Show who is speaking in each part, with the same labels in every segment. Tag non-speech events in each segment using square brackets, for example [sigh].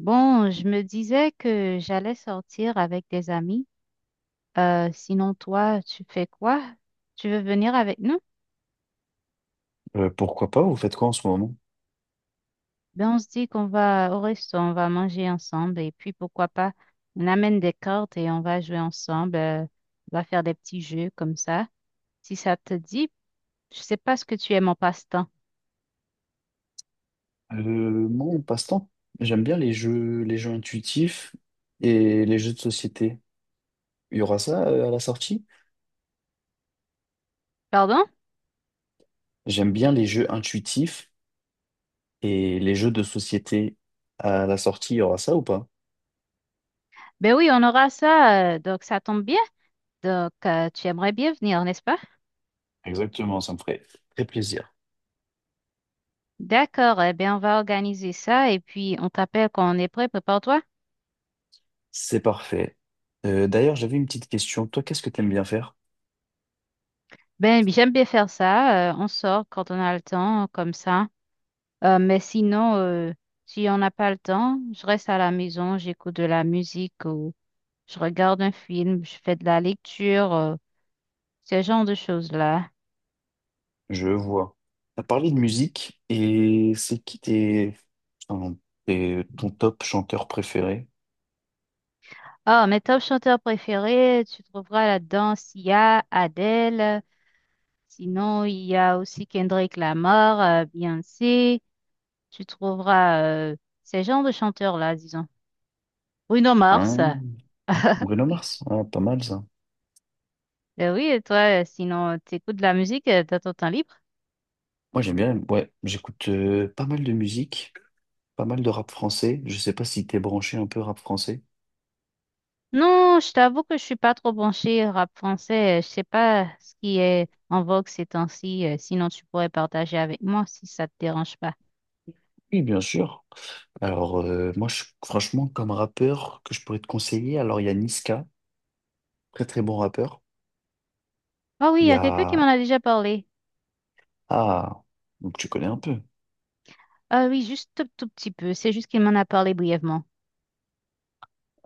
Speaker 1: Bon, je me disais que j'allais sortir avec des amis. Sinon, toi, tu fais quoi? Tu veux venir avec nous?
Speaker 2: Pourquoi pas? Vous faites quoi en ce moment?
Speaker 1: Ben, on se dit qu'on va au resto, on va manger ensemble et puis pourquoi pas, on amène des cartes et on va jouer ensemble. On va faire des petits jeux comme ça. Si ça te dit, je sais pas ce que tu aimes en passe-temps.
Speaker 2: Euh, Moi, en passe-temps, j'aime bien les jeux intuitifs et les jeux de société. Il y aura ça à la sortie?
Speaker 1: Pardon?
Speaker 2: J'aime bien les jeux intuitifs et les jeux de société. À la sortie, il y aura ça ou pas?
Speaker 1: Ben oui, on aura ça, donc ça tombe bien. Donc, tu aimerais bien venir, n'est-ce pas?
Speaker 2: Exactement, ça me ferait très plaisir.
Speaker 1: D'accord, eh bien, on va organiser ça et puis on t'appelle quand on est prêt, prépare-toi.
Speaker 2: C'est parfait. D'ailleurs, j'avais une petite question. Toi, qu'est-ce que t'aimes bien faire?
Speaker 1: Ben, oui, j'aime bien faire ça. On sort quand on a le temps, comme ça. Mais sinon, si on n'a pas le temps, je reste à la maison, j'écoute de la musique ou je regarde un film, je fais de la lecture, ce genre de choses-là.
Speaker 2: Je vois. T'as parlé de musique et c'est qui tes, enfin, ton top chanteur préféré?
Speaker 1: Ah, mes top chanteurs préférés, tu trouveras là-dedans Sia, Adele. Sinon, il y a aussi Kendrick Lamar, Beyoncé. Tu trouveras ces genres de chanteurs-là, disons. Bruno Mars.
Speaker 2: Hein.
Speaker 1: [laughs]
Speaker 2: Bruno Mars, ah, pas mal ça.
Speaker 1: Ben oui, et toi, sinon, t'écoutes de la musique dans ton temps libre?
Speaker 2: Moi j'aime bien, ouais, j'écoute pas mal de musique, pas mal de rap français. Je sais pas si t'es branché un peu rap français.
Speaker 1: Non, je t'avoue que je suis pas trop branchée rap français. Je sais pas ce qui est en vogue ces temps-ci. Sinon, tu pourrais partager avec moi si ça te dérange pas.
Speaker 2: Oui, bien sûr. Alors franchement comme rappeur que je pourrais te conseiller, alors il y a Niska, très très bon rappeur.
Speaker 1: Ah oui, il
Speaker 2: Il
Speaker 1: y
Speaker 2: y
Speaker 1: a quelqu'un qui
Speaker 2: a,
Speaker 1: m'en a déjà parlé.
Speaker 2: ah, donc tu connais un peu.
Speaker 1: Ah oui, juste tout, tout petit peu. C'est juste qu'il m'en a parlé brièvement.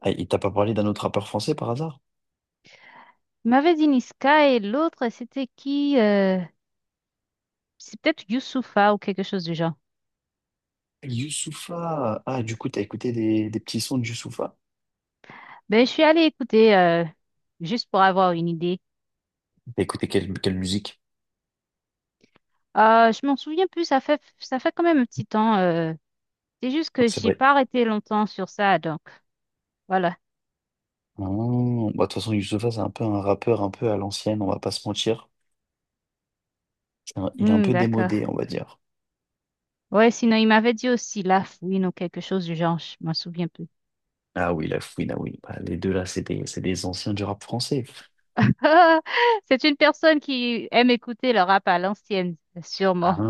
Speaker 2: Ah, il t'a pas parlé d'un autre rappeur français par hasard?
Speaker 1: Il m'avait dit Niska et l'autre, c'était qui? C'est peut-être Youssoupha ou quelque chose du genre.
Speaker 2: Youssoupha. Ah, du coup t'as écouté des petits sons de Youssoupha.
Speaker 1: Ben, je suis allée écouter juste pour avoir une idée.
Speaker 2: T'as écouté quelle musique?
Speaker 1: Ah, je m'en souviens plus. Ça fait quand même un petit temps. C'est juste que
Speaker 2: C'est
Speaker 1: j'ai
Speaker 2: vrai.
Speaker 1: pas arrêté longtemps sur ça, donc voilà.
Speaker 2: Oh, bah, de toute façon, Youssoupha, c'est un peu un rappeur un peu à l'ancienne, on va pas se mentir. Il est un
Speaker 1: Hmm,
Speaker 2: peu
Speaker 1: d'accord.
Speaker 2: démodé, on va dire.
Speaker 1: Ouais, sinon il m'avait dit aussi la fouine ou quelque chose du genre, je m'en souviens plus.
Speaker 2: Ah oui, la fouine, ah oui. Bah, les deux là, c'est des anciens du rap français.
Speaker 1: [laughs] C'est une personne qui aime écouter le rap à l'ancienne,
Speaker 2: Ah,
Speaker 1: sûrement.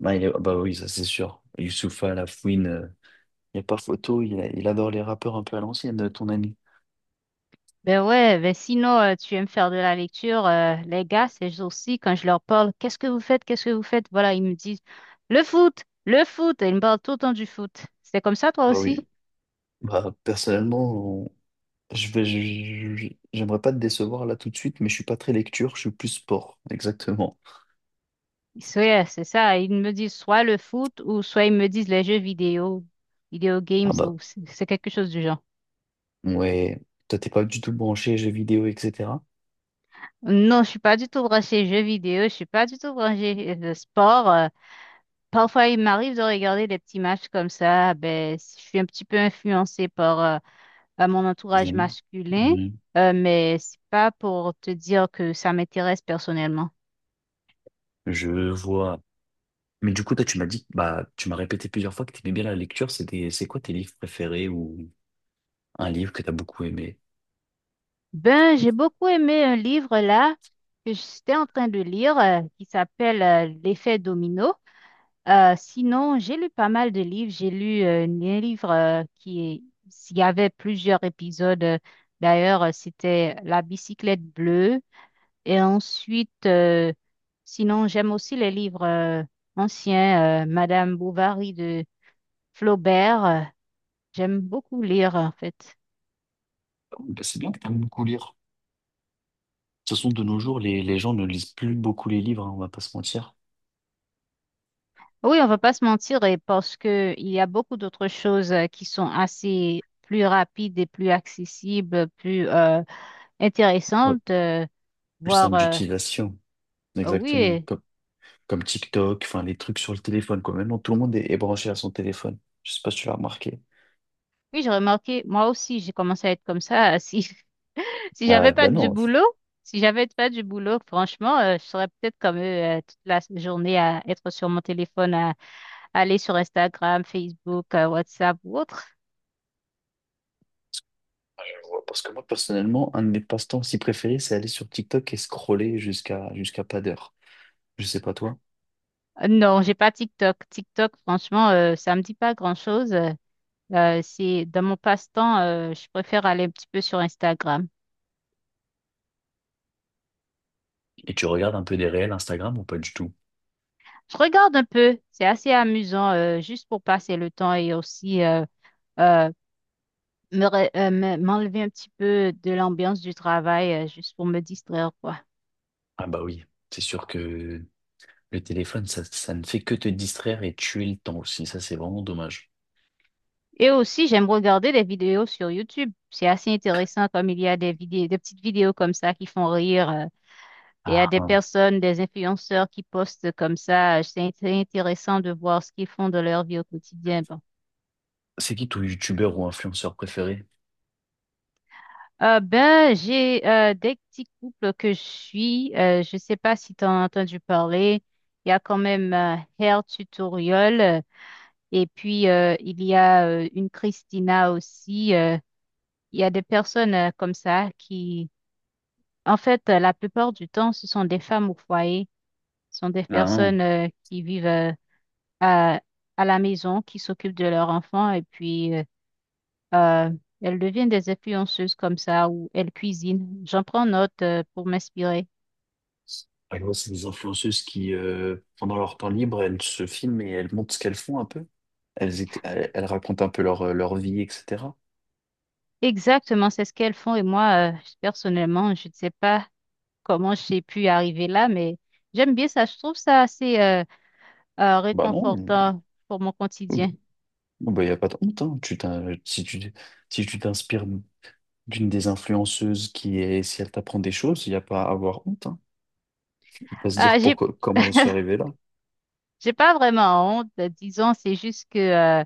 Speaker 2: bah, bah oui, ça c'est sûr. Youssoupha, la fouine, il n'y a pas photo, il adore les rappeurs un peu à l'ancienne, ton ami.
Speaker 1: Ben ouais, ben sinon tu aimes faire de la lecture, les gars, c'est aussi quand je leur parle, qu'est-ce que vous faites, qu'est-ce que vous faites? Voilà, ils me disent le foot, et ils me parlent tout le temps du foot. C'est comme ça toi
Speaker 2: Bah
Speaker 1: aussi?
Speaker 2: oui. Bah personnellement, je vais, je- j'aimerais pas te décevoir là tout de suite, mais je suis pas très lecture, je suis plus sport, exactement.
Speaker 1: Ouais, c'est ça. Ils me disent soit le foot ou soit ils me disent les jeux vidéo, vidéo games
Speaker 2: Ah bah,
Speaker 1: ou c'est quelque chose du genre.
Speaker 2: ouais. Toi, t'es pas du tout branché jeux vidéo, etc.
Speaker 1: Non, je suis pas du tout branchée jeux vidéo, je suis pas du tout branchée sport. Parfois, il m'arrive de regarder des petits matchs comme ça. Ben, je suis un petit peu influencée par à mon
Speaker 2: Les
Speaker 1: entourage
Speaker 2: amis?
Speaker 1: masculin,
Speaker 2: Mhm.
Speaker 1: mais c'est pas pour te dire que ça m'intéresse personnellement.
Speaker 2: Je vois. Mais du coup, toi, tu m'as dit, bah, tu m'as répété plusieurs fois que tu aimais bien la lecture. C'est quoi tes livres préférés ou un livre que tu as beaucoup aimé?
Speaker 1: Ben, j'ai beaucoup aimé un livre là que j'étais en train de lire qui s'appelle L'effet domino. Sinon, j'ai lu pas mal de livres. J'ai lu un livre qui est, il y avait plusieurs épisodes. D'ailleurs, c'était La bicyclette bleue. Et ensuite, sinon, j'aime aussi les livres anciens, Madame Bovary de Flaubert. J'aime beaucoup lire, en fait.
Speaker 2: Oh, bah, c'est bien que tu aimes beaucoup lire. De toute façon, de nos jours, les gens ne lisent plus beaucoup les livres, hein, on va pas se mentir.
Speaker 1: Oui, on va pas se mentir, et parce que il y a beaucoup d'autres choses qui sont assez plus rapides et plus accessibles, plus
Speaker 2: Ouais.
Speaker 1: intéressantes.
Speaker 2: Plus
Speaker 1: Voir
Speaker 2: simple d'utilisation.
Speaker 1: Ah
Speaker 2: Exactement.
Speaker 1: oui,
Speaker 2: Comme TikTok, enfin les trucs sur le téléphone, quoi. Maintenant, tout le monde est branché à son téléphone. Je sais pas si tu l'as remarqué.
Speaker 1: oui, j'ai remarqué, moi aussi, j'ai commencé à être comme ça. [laughs] Si, si j'avais
Speaker 2: Ah,
Speaker 1: pas
Speaker 2: ben
Speaker 1: du
Speaker 2: non,
Speaker 1: boulot, si j'avais pas du boulot, franchement, je serais peut-être comme eux toute la journée à être sur mon téléphone, à aller sur Instagram, Facebook, WhatsApp ou autre.
Speaker 2: parce que moi, personnellement, un de mes passe-temps si préférés, c'est aller sur TikTok et scroller jusqu'à pas d'heure. Je sais pas toi.
Speaker 1: Non, j'ai pas TikTok. TikTok, franchement, ça me dit pas grand-chose. C'est dans mon passe-temps, je préfère aller un petit peu sur Instagram.
Speaker 2: Et tu regardes un peu des réels Instagram ou pas du tout?
Speaker 1: Je regarde un peu, c'est assez amusant, juste pour passer le temps et aussi euh, m'enlever un petit peu de l'ambiance du travail, juste pour me distraire, quoi.
Speaker 2: Ah bah oui, c'est sûr que le téléphone, ça ne fait que te distraire et tuer le temps aussi. Ça, c'est vraiment dommage.
Speaker 1: Et aussi, j'aime regarder des vidéos sur YouTube. C'est assez intéressant comme il y a des vidéos, des petites vidéos comme ça qui font rire. Et il y a
Speaker 2: Ah,
Speaker 1: des
Speaker 2: hein.
Speaker 1: personnes, des influenceurs qui postent comme ça. Intéressant de voir ce qu'ils font de leur vie au quotidien. Bon.
Speaker 2: C'est qui ton youtubeur ou influenceur préféré?
Speaker 1: Ben, j'ai des petits couples que je suis. Je sais pas si tu as entendu parler. Il y a quand même Hair Tutorial. Euh, et puis, il y a une Christina aussi. Il y a des personnes comme ça qui, en fait, la plupart du temps, ce sont des femmes au foyer, ce sont des
Speaker 2: Ah, hein.
Speaker 1: personnes qui vivent à, à la maison, qui s'occupent de leurs enfants et puis euh, elles deviennent des influenceuses comme ça ou elles cuisinent. J'en prends note pour m'inspirer.
Speaker 2: Par exemple, c'est des influenceuses qui, pendant leur temps libre, elles se filment et elles montrent ce qu'elles font un peu. Elles elles racontent un peu leur, leur vie, etc.
Speaker 1: Exactement, c'est ce qu'elles font et moi, personnellement, je ne sais pas comment j'ai pu arriver là, mais j'aime bien ça. Je trouve ça assez
Speaker 2: Bah non, mmh,
Speaker 1: réconfortant pour mon quotidien.
Speaker 2: bon, bah, il n'y a pas de honte, hein. Si tu, si tu t'inspires d'une des influenceuses qui est, si elle t'apprend des choses, il n'y a pas à avoir honte. Hein. Faut pas se
Speaker 1: Euh,
Speaker 2: dire
Speaker 1: j'ai,
Speaker 2: pourquoi, comment j'en suis arrivé là.
Speaker 1: j'ai pas vraiment honte, disons, c'est juste que, euh,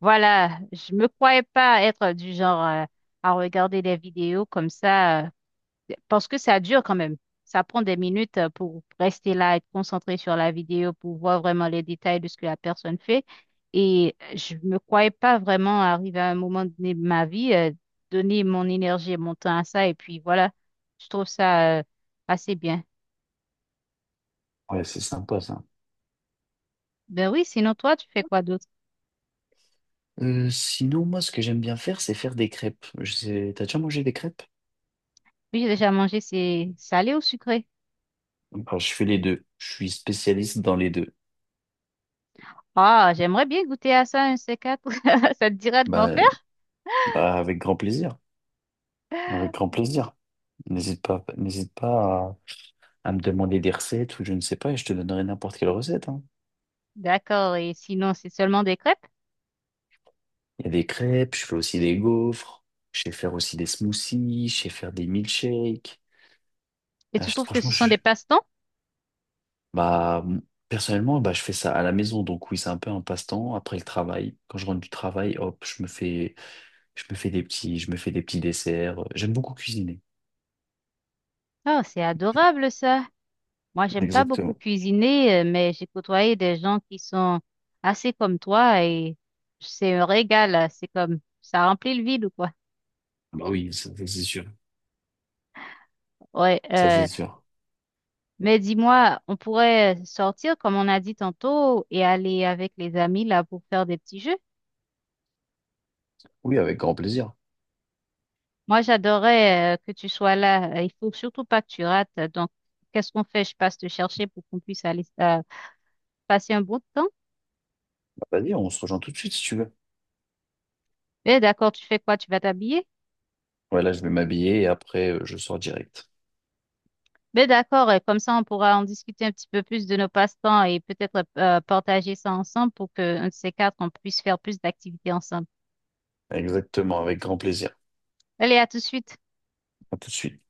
Speaker 1: voilà, je me croyais pas être du genre, à regarder des vidéos comme ça, parce que ça dure quand même. Ça prend des minutes pour rester là, être concentré sur la vidéo, pour voir vraiment les détails de ce que la personne fait. Et je me croyais pas vraiment arriver à un moment donné de ma vie, donner mon énergie et mon temps à ça. Et puis voilà, je trouve ça, assez bien.
Speaker 2: Ouais, c'est sympa ça.
Speaker 1: Ben oui, sinon toi, tu fais quoi d'autre?
Speaker 2: Sinon, moi, ce que j'aime bien faire, c'est faire des crêpes. Je sais, t'as déjà mangé des crêpes?
Speaker 1: Oui, j'ai déjà mangé, c'est salé ou sucré?
Speaker 2: Bah, je fais les deux. Je suis spécialiste dans les deux.
Speaker 1: Ah, j'aimerais bien goûter à ça, un C4. [laughs] Ça te dirait de m'en
Speaker 2: Bah,
Speaker 1: faire?
Speaker 2: bah, avec grand plaisir. Avec grand plaisir. N'hésite pas à me demander des recettes ou je ne sais pas et je te donnerai n'importe quelle recette, hein.
Speaker 1: D'accord, et sinon, c'est seulement des crêpes?
Speaker 2: Il y a des crêpes, je fais aussi des gaufres, je sais faire aussi des smoothies, je sais faire des milkshakes.
Speaker 1: Et tu trouves que
Speaker 2: Franchement,
Speaker 1: ce sont des passe-temps?
Speaker 2: bah, personnellement, bah, je fais ça à la maison. Donc oui, c'est un peu un passe-temps après le travail. Quand je rentre du travail, hop, je me fais des petits desserts. J'aime beaucoup cuisiner.
Speaker 1: Oh, c'est adorable ça. Moi, j'aime pas beaucoup
Speaker 2: Exactement.
Speaker 1: cuisiner, mais j'ai côtoyé des gens qui sont assez comme toi et c'est un régal. C'est comme ça remplit le vide ou quoi.
Speaker 2: Bah oui, ça, c'est sûr.
Speaker 1: Ouais,
Speaker 2: Ça,
Speaker 1: euh,
Speaker 2: c'est sûr.
Speaker 1: mais dis-moi, on pourrait sortir comme on a dit tantôt et aller avec les amis là pour faire des petits jeux.
Speaker 2: Oui, avec grand plaisir.
Speaker 1: Moi, j'adorais que tu sois là. Il faut surtout pas que tu rates. Donc, qu'est-ce qu'on fait? Je passe te chercher pour qu'on puisse aller passer un bon temps.
Speaker 2: Bah, vas-y, on se rejoint tout de suite si tu veux.
Speaker 1: Mais d'accord, tu fais quoi? Tu vas t'habiller?
Speaker 2: Ouais, là, je vais m'habiller et après, je sors direct.
Speaker 1: Mais d'accord, comme ça, on pourra en discuter un petit peu plus de nos passe-temps et peut-être partager ça ensemble pour que un de ces quatre, on puisse faire plus d'activités ensemble.
Speaker 2: Exactement, avec grand plaisir.
Speaker 1: Allez, à tout de suite.
Speaker 2: À tout de suite.